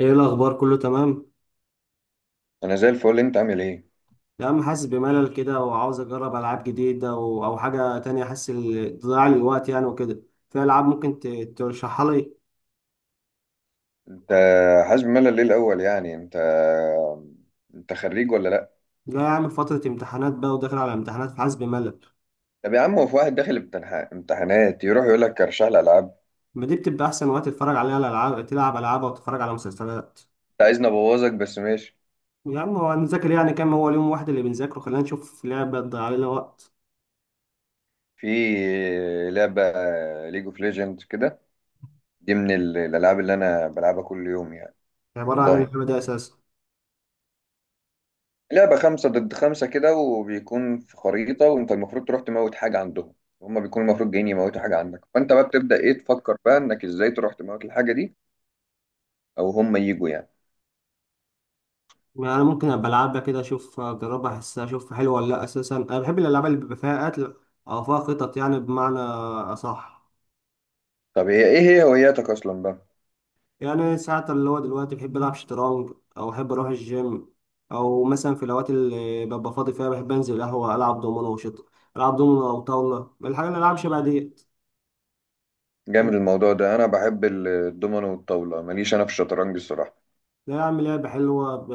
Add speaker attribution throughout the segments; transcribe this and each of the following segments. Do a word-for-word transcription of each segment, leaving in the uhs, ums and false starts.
Speaker 1: ايه الاخبار؟ كله تمام؟
Speaker 2: انا زي الفل. انت عامل ايه؟
Speaker 1: يا عم، حاسس بملل كده وعاوز اجرب العاب جديده، و... او حاجه تانية، حاسس ال- ضياع لي الوقت يعني وكده. في العاب ممكن ت... ترشحها لي؟
Speaker 2: انت حاسس بملل ليه الاول يعني انت انت خريج ولا لا؟
Speaker 1: جاي اعمل فتره امتحانات بقى، وداخل على امتحانات، فحاسس بملل.
Speaker 2: طب يا عم هو في واحد داخل امتنح- امتحانات يروح يقول لك ارشح لي العاب؟
Speaker 1: ما دي بتبقى احسن وقت تتفرج عليها الالعاب، تلعب العاب او تتفرج على مسلسلات.
Speaker 2: انت عايزني ابوظك؟ بس ماشي.
Speaker 1: يا عم، هو هنذاكر يعني كام؟ هو اليوم واحد اللي بنذاكره؟ خلينا نشوف لعبه تضيع لنا وقت.
Speaker 2: في لعبه ليج اوف ليجندز كده، دي من ال- الالعاب اللي انا بلعبها كل يوم يعني.
Speaker 1: عباره عن
Speaker 2: والله
Speaker 1: اللعبه دي اساسا؟
Speaker 2: لعبه خمسة ضد خمسة كده، وبيكون في خريطه، وانت المفروض تروح تموت حاجه عندهم. هما بيكونوا المفروض جايين يموتوا حاجه عندك، فانت بقى بتبدا ايه، تفكر بقى انك ازاي تروح تموت الحاجه دي، او هما يجوا يعني.
Speaker 1: ما انا ممكن ابقى العبها كده، اشوف، اجربها، احسها، اشوف حلوه ولا لا. اساسا انا بحب الالعاب اللي بيبقى فيها قتل، او فيها خطط، يعني بمعنى اصح.
Speaker 2: طب ايه ايه هي هواياتك اصلا بقى؟
Speaker 1: يعني ساعات اللي هو دلوقتي بحب العب شطرنج، او احب اروح الجيم، او مثلا في الاوقات اللي ببقى فاضي فيها بحب انزل قهوه، العب دومينو وشط العب دومينو او طاوله، الحاجه اللي العب شبه ديت.
Speaker 2: جامد الموضوع ده. انا بحب ال- الدومينو والطاوله، ماليش انا في الشطرنج الصراحه.
Speaker 1: لا، اعمل لعبه حلوه ب...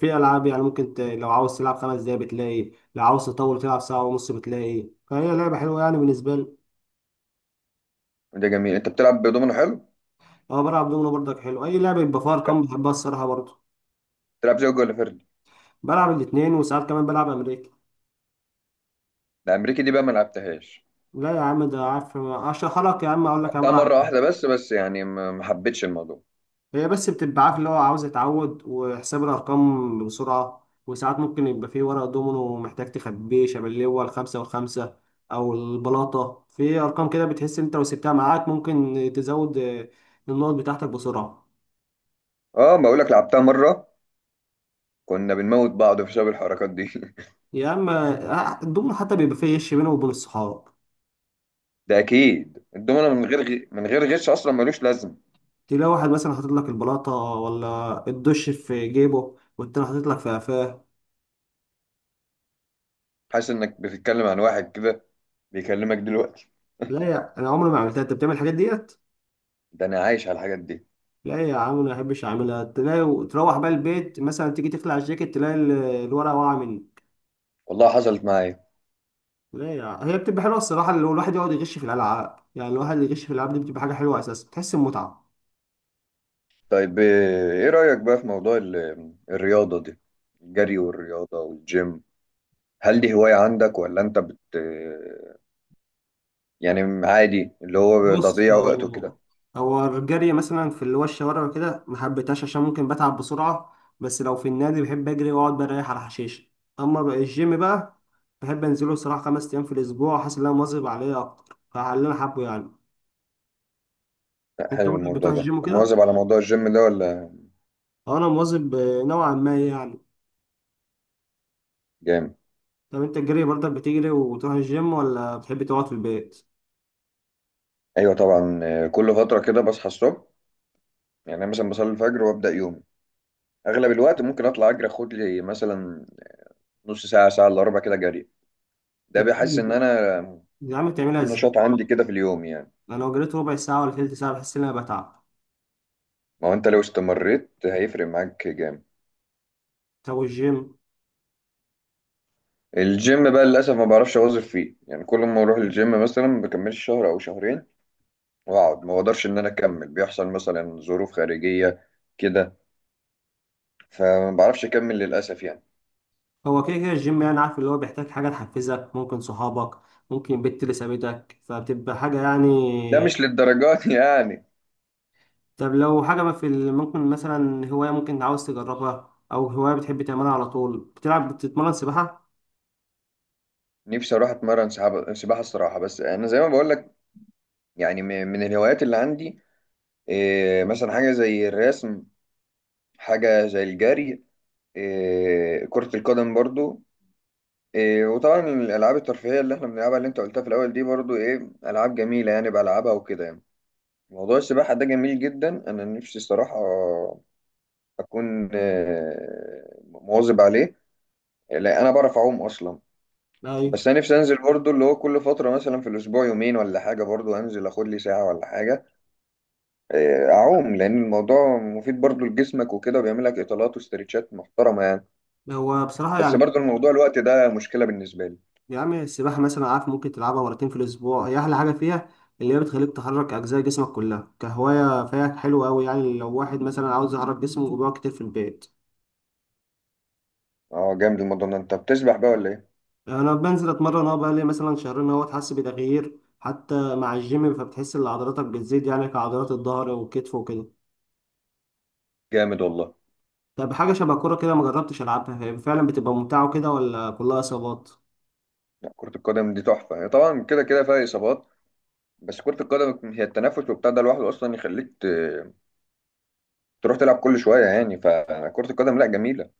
Speaker 1: في العاب يعني ممكن ت... لو عاوز تلعب خمس دقايق بتلاقي، لو عاوز تطول تلعب ساعه ونص بتلاقي، فهي لعبه حلوه يعني بالنسبه لي.
Speaker 2: ده جميل، انت بتلعب دومينو؟ حلو.
Speaker 1: اه، بلعب دومينو برضك. حلو، اي لعبه يبقى فيها
Speaker 2: لا،
Speaker 1: ارقام بحبها الصراحه برضه.
Speaker 2: بتلعب زوجي ولا فردي؟
Speaker 1: بلعب الاثنين، وساعات كمان بلعب امريكي.
Speaker 2: الامريكي دي بقى ما لعبتهاش.
Speaker 1: لا يا عم، ده عارف اشرح لك، يا عم اقول لك انا
Speaker 2: لعبتها مره
Speaker 1: بلعب
Speaker 2: واحده
Speaker 1: ايه.
Speaker 2: بس بس يعني ما ما حبيتش الموضوع.
Speaker 1: هي بس بتبقى عارف اللي هو عاوز يتعود وحساب الارقام بسرعه. وساعات ممكن يبقى فيه ورق دومينو محتاج تخبيه، شبه اللي هو الخمسه والخمسه، او البلاطه في ارقام كده، بتحس انت لو سبتها معاك ممكن تزود آه، النقط بتاعتك بسرعه.
Speaker 2: اه بقول لك، لعبتها مره. كنا بنموت بعض بسبب الحركات دي
Speaker 1: يا اما. آه، الدومينو حتى بيبقى فيه غش بينه وبين الصحاب.
Speaker 2: ده اكيد الدومينو من غير غي... من غير غش اصلا ملوش لازم.
Speaker 1: تلاقي واحد مثلا حاطط لك البلاطة ولا الدش في جيبه، والتاني حاطط لك في قفاه.
Speaker 2: حاسس انك بتتكلم عن واحد كده بيكلمك دلوقتي؟
Speaker 1: لا يا، أنا عمري ما عملتها. أنت بتعمل الحاجات ديت؟
Speaker 2: ده انا عايش على الحاجات دي.
Speaker 1: لا يا عم، أنا ما أحبش أعملها. تلاقي تروح بقى البيت مثلا، تيجي تخلع الجاكيت، تلاقي ال- الورقة واقعة مني.
Speaker 2: والله حصلت معايا.
Speaker 1: لا يا عم. هي بتبقى حلوة الصراحة لو الواحد يقعد يغش في الألعاب. يعني الواحد اللي يغش في الألعاب دي بتبقى حاجة حلوة أساسا، بتحس بمتعة.
Speaker 2: طيب، آه، ايه رأيك بقى في موضوع ال- الرياضة دي، الجري والرياضة والجيم؟ هل دي هواية عندك ولا انت بت آه، يعني عادي اللي هو
Speaker 1: بص،
Speaker 2: تضييع وقت
Speaker 1: هو
Speaker 2: وكده؟
Speaker 1: هو الجري مثلا في اللي هو الشوارع وكده ما حبيتهاش عشان ممكن بتعب بسرعة. بس لو في النادي بحب أجري وأقعد بريح على حشيش. أما بقى الجيم بقى، بحب أنزله الصراحة خمس أيام في الأسبوع، حاسس إن أنا مواظب عليه أكتر فعلى اللي أنا حابه يعني.
Speaker 2: لا
Speaker 1: أنت
Speaker 2: حلو
Speaker 1: برضك
Speaker 2: الموضوع
Speaker 1: بتروح
Speaker 2: ده.
Speaker 1: الجيم وكده؟
Speaker 2: مواظب على موضوع الجيم ده ولا؟
Speaker 1: أه، أنا مواظب آه، نوعا ما يعني.
Speaker 2: جامد.
Speaker 1: طب أنت الجري برضك بتجري وتروح الجيم ولا بتحب تقعد في البيت؟
Speaker 2: ايوه طبعا، آه، كل فترة كده بصحى الصبح. يعني انا مثلا بصلي الفجر وابدأ يومي، اغلب الوقت ممكن اطلع اجري، اخد لي مثلا نص ساعة، ساعة الا ربع كده جري. ده
Speaker 1: طب
Speaker 2: بيحس ان
Speaker 1: بتعمل-
Speaker 2: انا
Speaker 1: يا عم بتعملها
Speaker 2: في
Speaker 1: إزاي؟
Speaker 2: نشاط عندي كده في اليوم يعني.
Speaker 1: أنا لو جريت ربع ساعة ولا تلت ساعة بحس إن أنا بتعب.
Speaker 2: ما هو انت لو استمريت هيفرق معاك جامد.
Speaker 1: طب والجيم؟
Speaker 2: الجيم بقى للاسف ما بعرفش اواظب فيه يعني، كل ما اروح الجيم مثلا ما بكملش شهر او شهرين واقعد، ما بقدرش ان انا اكمل، بيحصل مثلا ظروف خارجيه كده، فما بعرفش اكمل للاسف يعني.
Speaker 1: هو كده كده الجيم يعني، عارف اللي هو بيحتاج حاجة تحفزك، ممكن صحابك، ممكن البت اللي سابتك، فبتبقى حاجة يعني.
Speaker 2: ده مش للدرجات يعني.
Speaker 1: طب لو حاجة ما في ال- ممكن مثلا هواية ممكن عاوز تجربها، أو هواية بتحب تعملها على طول، بتلعب، بتتمرن سباحة؟
Speaker 2: نفسي اروح اتمرن سحابة- سباحه الصراحه، بس انا زي ما بقول لك، يعني م- من الهوايات اللي عندي، إيه، مثلا حاجه زي الرسم، حاجه زي الجري، إيه، كره القدم برضو، إيه وطبعا الالعاب الترفيهيه اللي احنا بنلعبها اللي انت قلتها في الاول دي برضو ايه العاب جميله يعني بلعبها وكده يعني. موضوع السباحه ده جميل جدا، انا نفسي الصراحه اكون آه، مواظب عليه. لا انا بعرف اعوم اصلا.
Speaker 1: أيوة.
Speaker 2: بس انا نفسي انزل برضو اللي هو كل فتره مثلا في الاسبوع يومين ولا حاجه، برضو انزل اخد لي ساعه ولا حاجه، آه، اعوم لان الموضوع مفيد برضو لجسمك وكده، وبيعمل لك اطالات واسترتشات محترمه يعني.
Speaker 1: هو بصراحة
Speaker 2: بس
Speaker 1: يعني،
Speaker 2: برضو الموضوع الوقت ده مشكله بالنسبه لي.
Speaker 1: يا عم السباحة مثلا عارف ممكن تلعبها مرتين في الأسبوع، هي أحلى حاجة فيها، اللي هي بتخليك تحرك أجزاء جسمك كلها، كهواية فيها حلوة أوي يعني، لو واحد مثلا عاوز يحرك جسمه وبيقعد كتير في البيت.
Speaker 2: اه جامد الموضوع ده، انت بتسبح بقى ولا ايه؟
Speaker 1: انا بنزل اتمرن اهو، بقالي مثلا شهرين اهو، حاسس بتغيير حتى مع الجيم، فبتحس ان عضلاتك بتزيد يعني كعضلات الظهر والكتف وكده.
Speaker 2: جامد والله.
Speaker 1: طب حاجه شبه الكوره كده، ما جربتش العبها. هي فعلا بتبقى ممتعه كده ولا كلها اصابات؟
Speaker 2: لا كرة القدم دي تحفة، هي طبعا كده كده فيها إصابات، بس كرة القدم هي التنفس وبتاع، ده لوحده أصلا يخليك ت- تروح تلعب كل شوية يعني، فكرة القدم لا جميلة.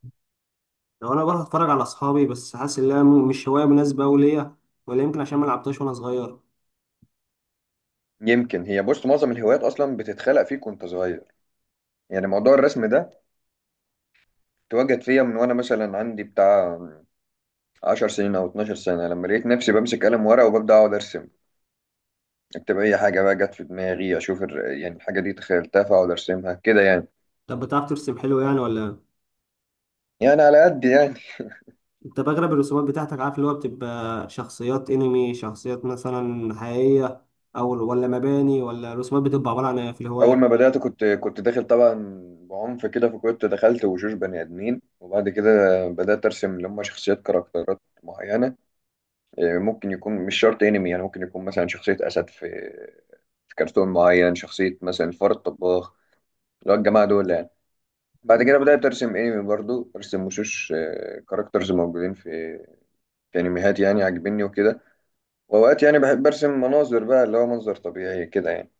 Speaker 1: لو انا بروح اتفرج على اصحابي، بس حاسس ان هي م- مش هوايه مناسبه أوي ليا، ولا يمكن عشان ما لعبتهاش وانا صغير.
Speaker 2: يمكن هي بص معظم الهوايات أصلا بتتخلق فيك وأنت صغير، يعني موضوع الرسم ده اتوجد فيا من وأنا مثلا عندي بتاع 10 سنين أو 12 سنة لما لقيت نفسي بمسك قلم ورقة وببدأ أقعد أرسم، أكتب أي حاجة بقى جت في دماغي، أشوف الر- يعني الحاجة دي تخيلتها فأقعد أرسمها كده يعني،
Speaker 1: طب بتعرف ترسم حلو يعني ولا إيه؟
Speaker 2: يعني على قد يعني.
Speaker 1: انت بغلب الرسومات بتاعتك عارف اللي هو بتبقى شخصيات انمي، شخصيات مثلا حقيقيه، او ولا مباني، ولا الرسومات بتبقى عباره عن إيه في
Speaker 2: اول
Speaker 1: الهوايات؟
Speaker 2: ما بدات كنت كنت داخل طبعا بعنف كده، فكنت دخلت وشوش بني ادمين، وبعد كده بدات ارسم اللي هم شخصيات، كاركترات معينه، إيه، ممكن يكون مش شرط انمي يعني، ممكن يكون مثلا شخصيه اسد في في كرتون معين، شخصيه مثلا الفار الطباخ اللي هو الجماعه دول يعني. بعد كده بدات ارسم انمي برضو، ارسم وشوش كاركترز موجودين في في انميات يعني عاجبني وكده. واوقات يعني بحب ارسم مناظر بقى اللي هو منظر طبيعي كده يعني.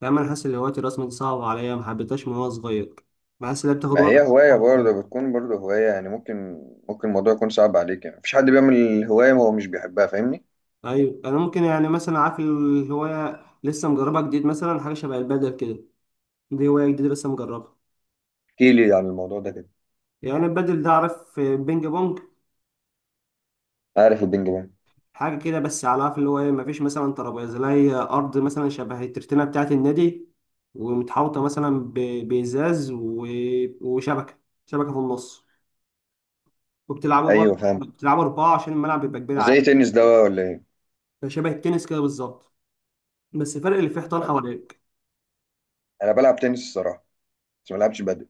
Speaker 1: فاهم. انا حاسس ان هوايه الرسم دي صعبه عليا، ما حبيتهاش من وانا صغير. بحس انها بتاخد
Speaker 2: ما
Speaker 1: وقت.
Speaker 2: هي هواية برضه بتكون برضه هواية يعني، ممكن ممكن الموضوع يكون صعب عليك يعني، مفيش حد بيعمل هواية هو مش بيحبها، فاهمني؟
Speaker 1: ايوه، انا ممكن يعني مثلا عارف الهوايه لسه مجربها جديد، مثلا حاجه شبه البادل كده، دي هوايه جديده لسه مجربها.
Speaker 2: احكي لي عن الموضوع ده كده.
Speaker 1: يعني البادل ده، عارف بينج بونج؟
Speaker 2: عارف البينج بونج.
Speaker 1: حاجه كده، بس على عارف اللي هو ايه، مفيش مثلا ترابيزه، لا هي ارض مثلا شبه الترتينه بتاعه النادي، ومتحوطه مثلا ب- بازاز و- وشبكه شبكه في النص، وبتلعبوا بقى.
Speaker 2: ايوه فاهم.
Speaker 1: بتلعبوا اربعه عشان الملعب بيبقى كبير
Speaker 2: زي
Speaker 1: عليه.
Speaker 2: تنس ده ولا ايه؟
Speaker 1: فشبه التنس كده بالظبط، بس الفرق اللي فيه حيطان حواليك.
Speaker 2: انا بلعب تنس الصراحة، بس ما بلعبش بدل.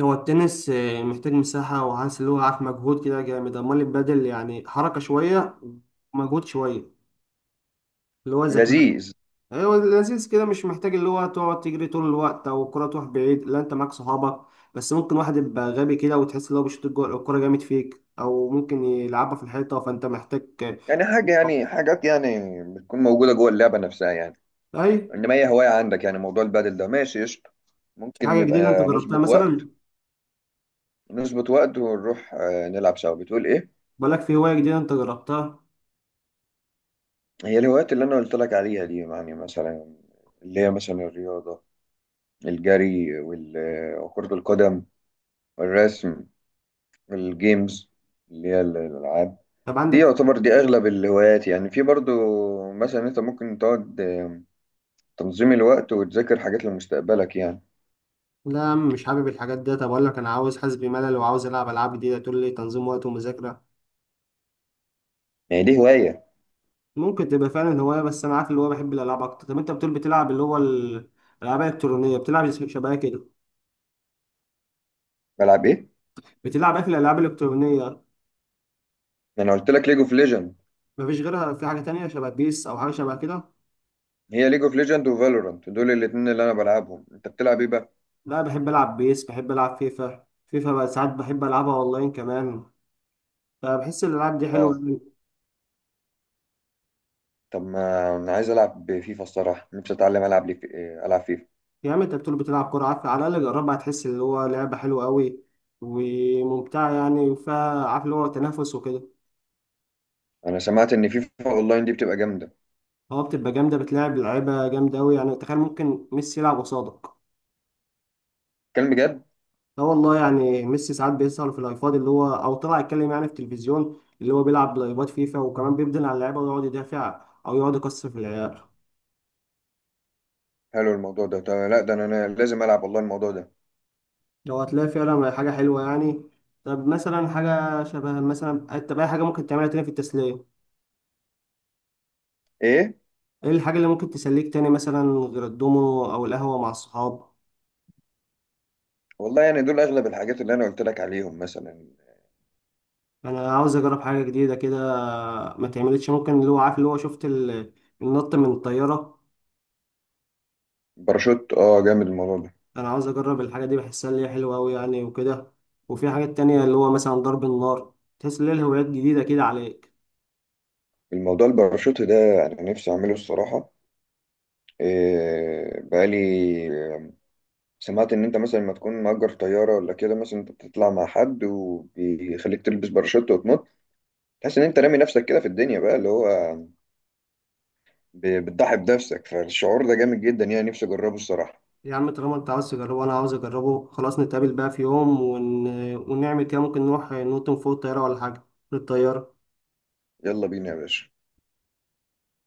Speaker 1: هو التنس آه، محتاج مساحة، وعايز اللي هو عارف مجهود كده جامد. أمال البادل يعني حركة شوية، ومجهود شوية، اللي هو ذكاء.
Speaker 2: لذيذ.
Speaker 1: أيوة، لذيذ كده، مش محتاج اللي هو تقعد تجري طول الوقت أو الكرة تروح بعيد، لا أنت معاك صحابك. بس ممكن واحد يبقى غبي كده وتحس إن هو بيشوط الجو- الكرة جامد فيك، أو ممكن يلعبها في الحيطة، فأنت محتاج.
Speaker 2: يعني حاجة، يعني
Speaker 1: آه،
Speaker 2: حاجات يعني بتكون موجودة جوه اللعبة نفسها يعني،
Speaker 1: أي.
Speaker 2: انما هي هواية عندك. يعني موضوع البدل ده ماشي قشطة، ممكن
Speaker 1: حاجة جديدة أنت
Speaker 2: نبقى
Speaker 1: جربتها
Speaker 2: نظبط وقت
Speaker 1: مثلا؟
Speaker 2: نظبط وقت ونروح آه، نلعب سوا. بتقول ايه؟
Speaker 1: بقولك في هواية جديدة أنت جربتها؟
Speaker 2: هي الهوايات اللي انا قلت لك عليها دي يعني مثلا، اللي هي مثلا الرياضه، الجري وال- وكره القدم، والرسم، والجيمز اللي هي ال- الالعاب
Speaker 1: طب
Speaker 2: دي،
Speaker 1: عندك؟
Speaker 2: يعتبر دي اغلب الهوايات يعني. في برضو مثلا انت ممكن تقعد، آم، تنظيم الوقت وتذاكر حاجات لمستقبلك يعني،
Speaker 1: لا يا عم، مش حابب الحاجات دي. طب اقول لك انا عاوز، حاسس بملل وعاوز العب العاب جديده، تقول لي تنظيم وقت ومذاكره؟
Speaker 2: يعني دي هوايه.
Speaker 1: ممكن تبقى فعلا هوايه، بس انا عارف اللي هو بحب الالعاب اكتر. طب انت بتقول بتلعب اللي هو ال- الالعاب الالكترونيه، بتلعب شبه كده؟
Speaker 2: بلعب ايه؟
Speaker 1: بتلعب ايه في الالعاب الالكترونيه؟
Speaker 2: انا قلت لك ليج اوف ليجند.
Speaker 1: مفيش غيرها؟ في حاجه تانية شبه بيس او حاجه شبه كده؟
Speaker 2: هي ليج اوف ليجند وفالورانت دول الاتنين اللي انا بلعبهم، انت بتلعب ايه بقى؟
Speaker 1: لا، بحب العب بيس، بحب العب فيفا. فيفا بقى ساعات بحب العبها اونلاين كمان، فبحس الالعاب دي
Speaker 2: اه.
Speaker 1: حلوه.
Speaker 2: طب ما انا عايز العب فيفا الصراحه، نفسي اتعلم العب لي، العب فيفا.
Speaker 1: يا عم، انت بتقول بتلعب كوره، عارف، على الاقل جربها هتحس اللي هو لعبه حلوه قوي، وممتعه يعني، فيها عارف اللي هو تنافس وكده.
Speaker 2: انا سمعت ان فيفا اونلاين دي بتبقى جامده.
Speaker 1: هو بتبقى جامدة، بتلعب لعيبة جامدة أوي. يعني تخيل ممكن ميسي يلعب قصادك.
Speaker 2: كلام بجد؟
Speaker 1: لا والله، يعني ميسي ساعات بيسهر في اللايفات اللي هو، أو طلع يتكلم يعني في التلفزيون اللي هو بيلعب لايفات فيفا، وكمان بيبدل على اللعيبة ويقعد يدافع، أو يقعد يكسر في العيال.
Speaker 2: حلو الموضوع ده. طب لا ده انا أنا لازم العب والله الموضوع ده.
Speaker 1: لو هتلاقي فعلا حاجة حلوة يعني. طب مثلا حاجة شبه، مثلا طب أي حاجة ممكن تعملها تاني في التسلية،
Speaker 2: ايه.
Speaker 1: إيه الحاجة اللي ممكن تسليك تاني مثلا، غير الدومينو أو القهوة مع الصحاب؟
Speaker 2: والله يعني دول اغلب الحاجات اللي انا قلت لك عليهم مثلا.
Speaker 1: يعني أنا عاوز أجرب حاجة جديدة كده، ما تعملتش، ممكن اللي هو عارف، اللي هو شفت ال- النط من الطيارة؟
Speaker 2: باراشوت، اه جامد الموضوع ده.
Speaker 1: انا عاوز اجرب الحاجه دي، بحسها اللي هي حلوه قوي يعني وكده. وفي حاجات تانية اللي هو مثلا ضرب النار، تحس ان هي الهوايات جديده كده عليك.
Speaker 2: الموضوع الباراشوت ده انا نفسي اعمله الصراحه، إيه بقالي سمعت ان انت مثلا ما تكون مأجر طياره ولا كده، مثلا انت بتطلع مع حد وبيخليك تلبس باراشوت وتنط، تحس ان انت رامي نفسك كده في الدنيا بقى، اللي هو ب- بتضحي بنفسك، فالشعور ده جامد جدا يعني، نفسي اجربه الصراحه.
Speaker 1: يا عم، طالما انت عاوز تجربه وانا عاوز اجربه، خلاص نتقابل بقى في يوم ون... ونعمل كده، ممكن نروح نوطن فوق الطياره ولا حاجه، للطياره.
Speaker 2: يلا بينا يا باشا.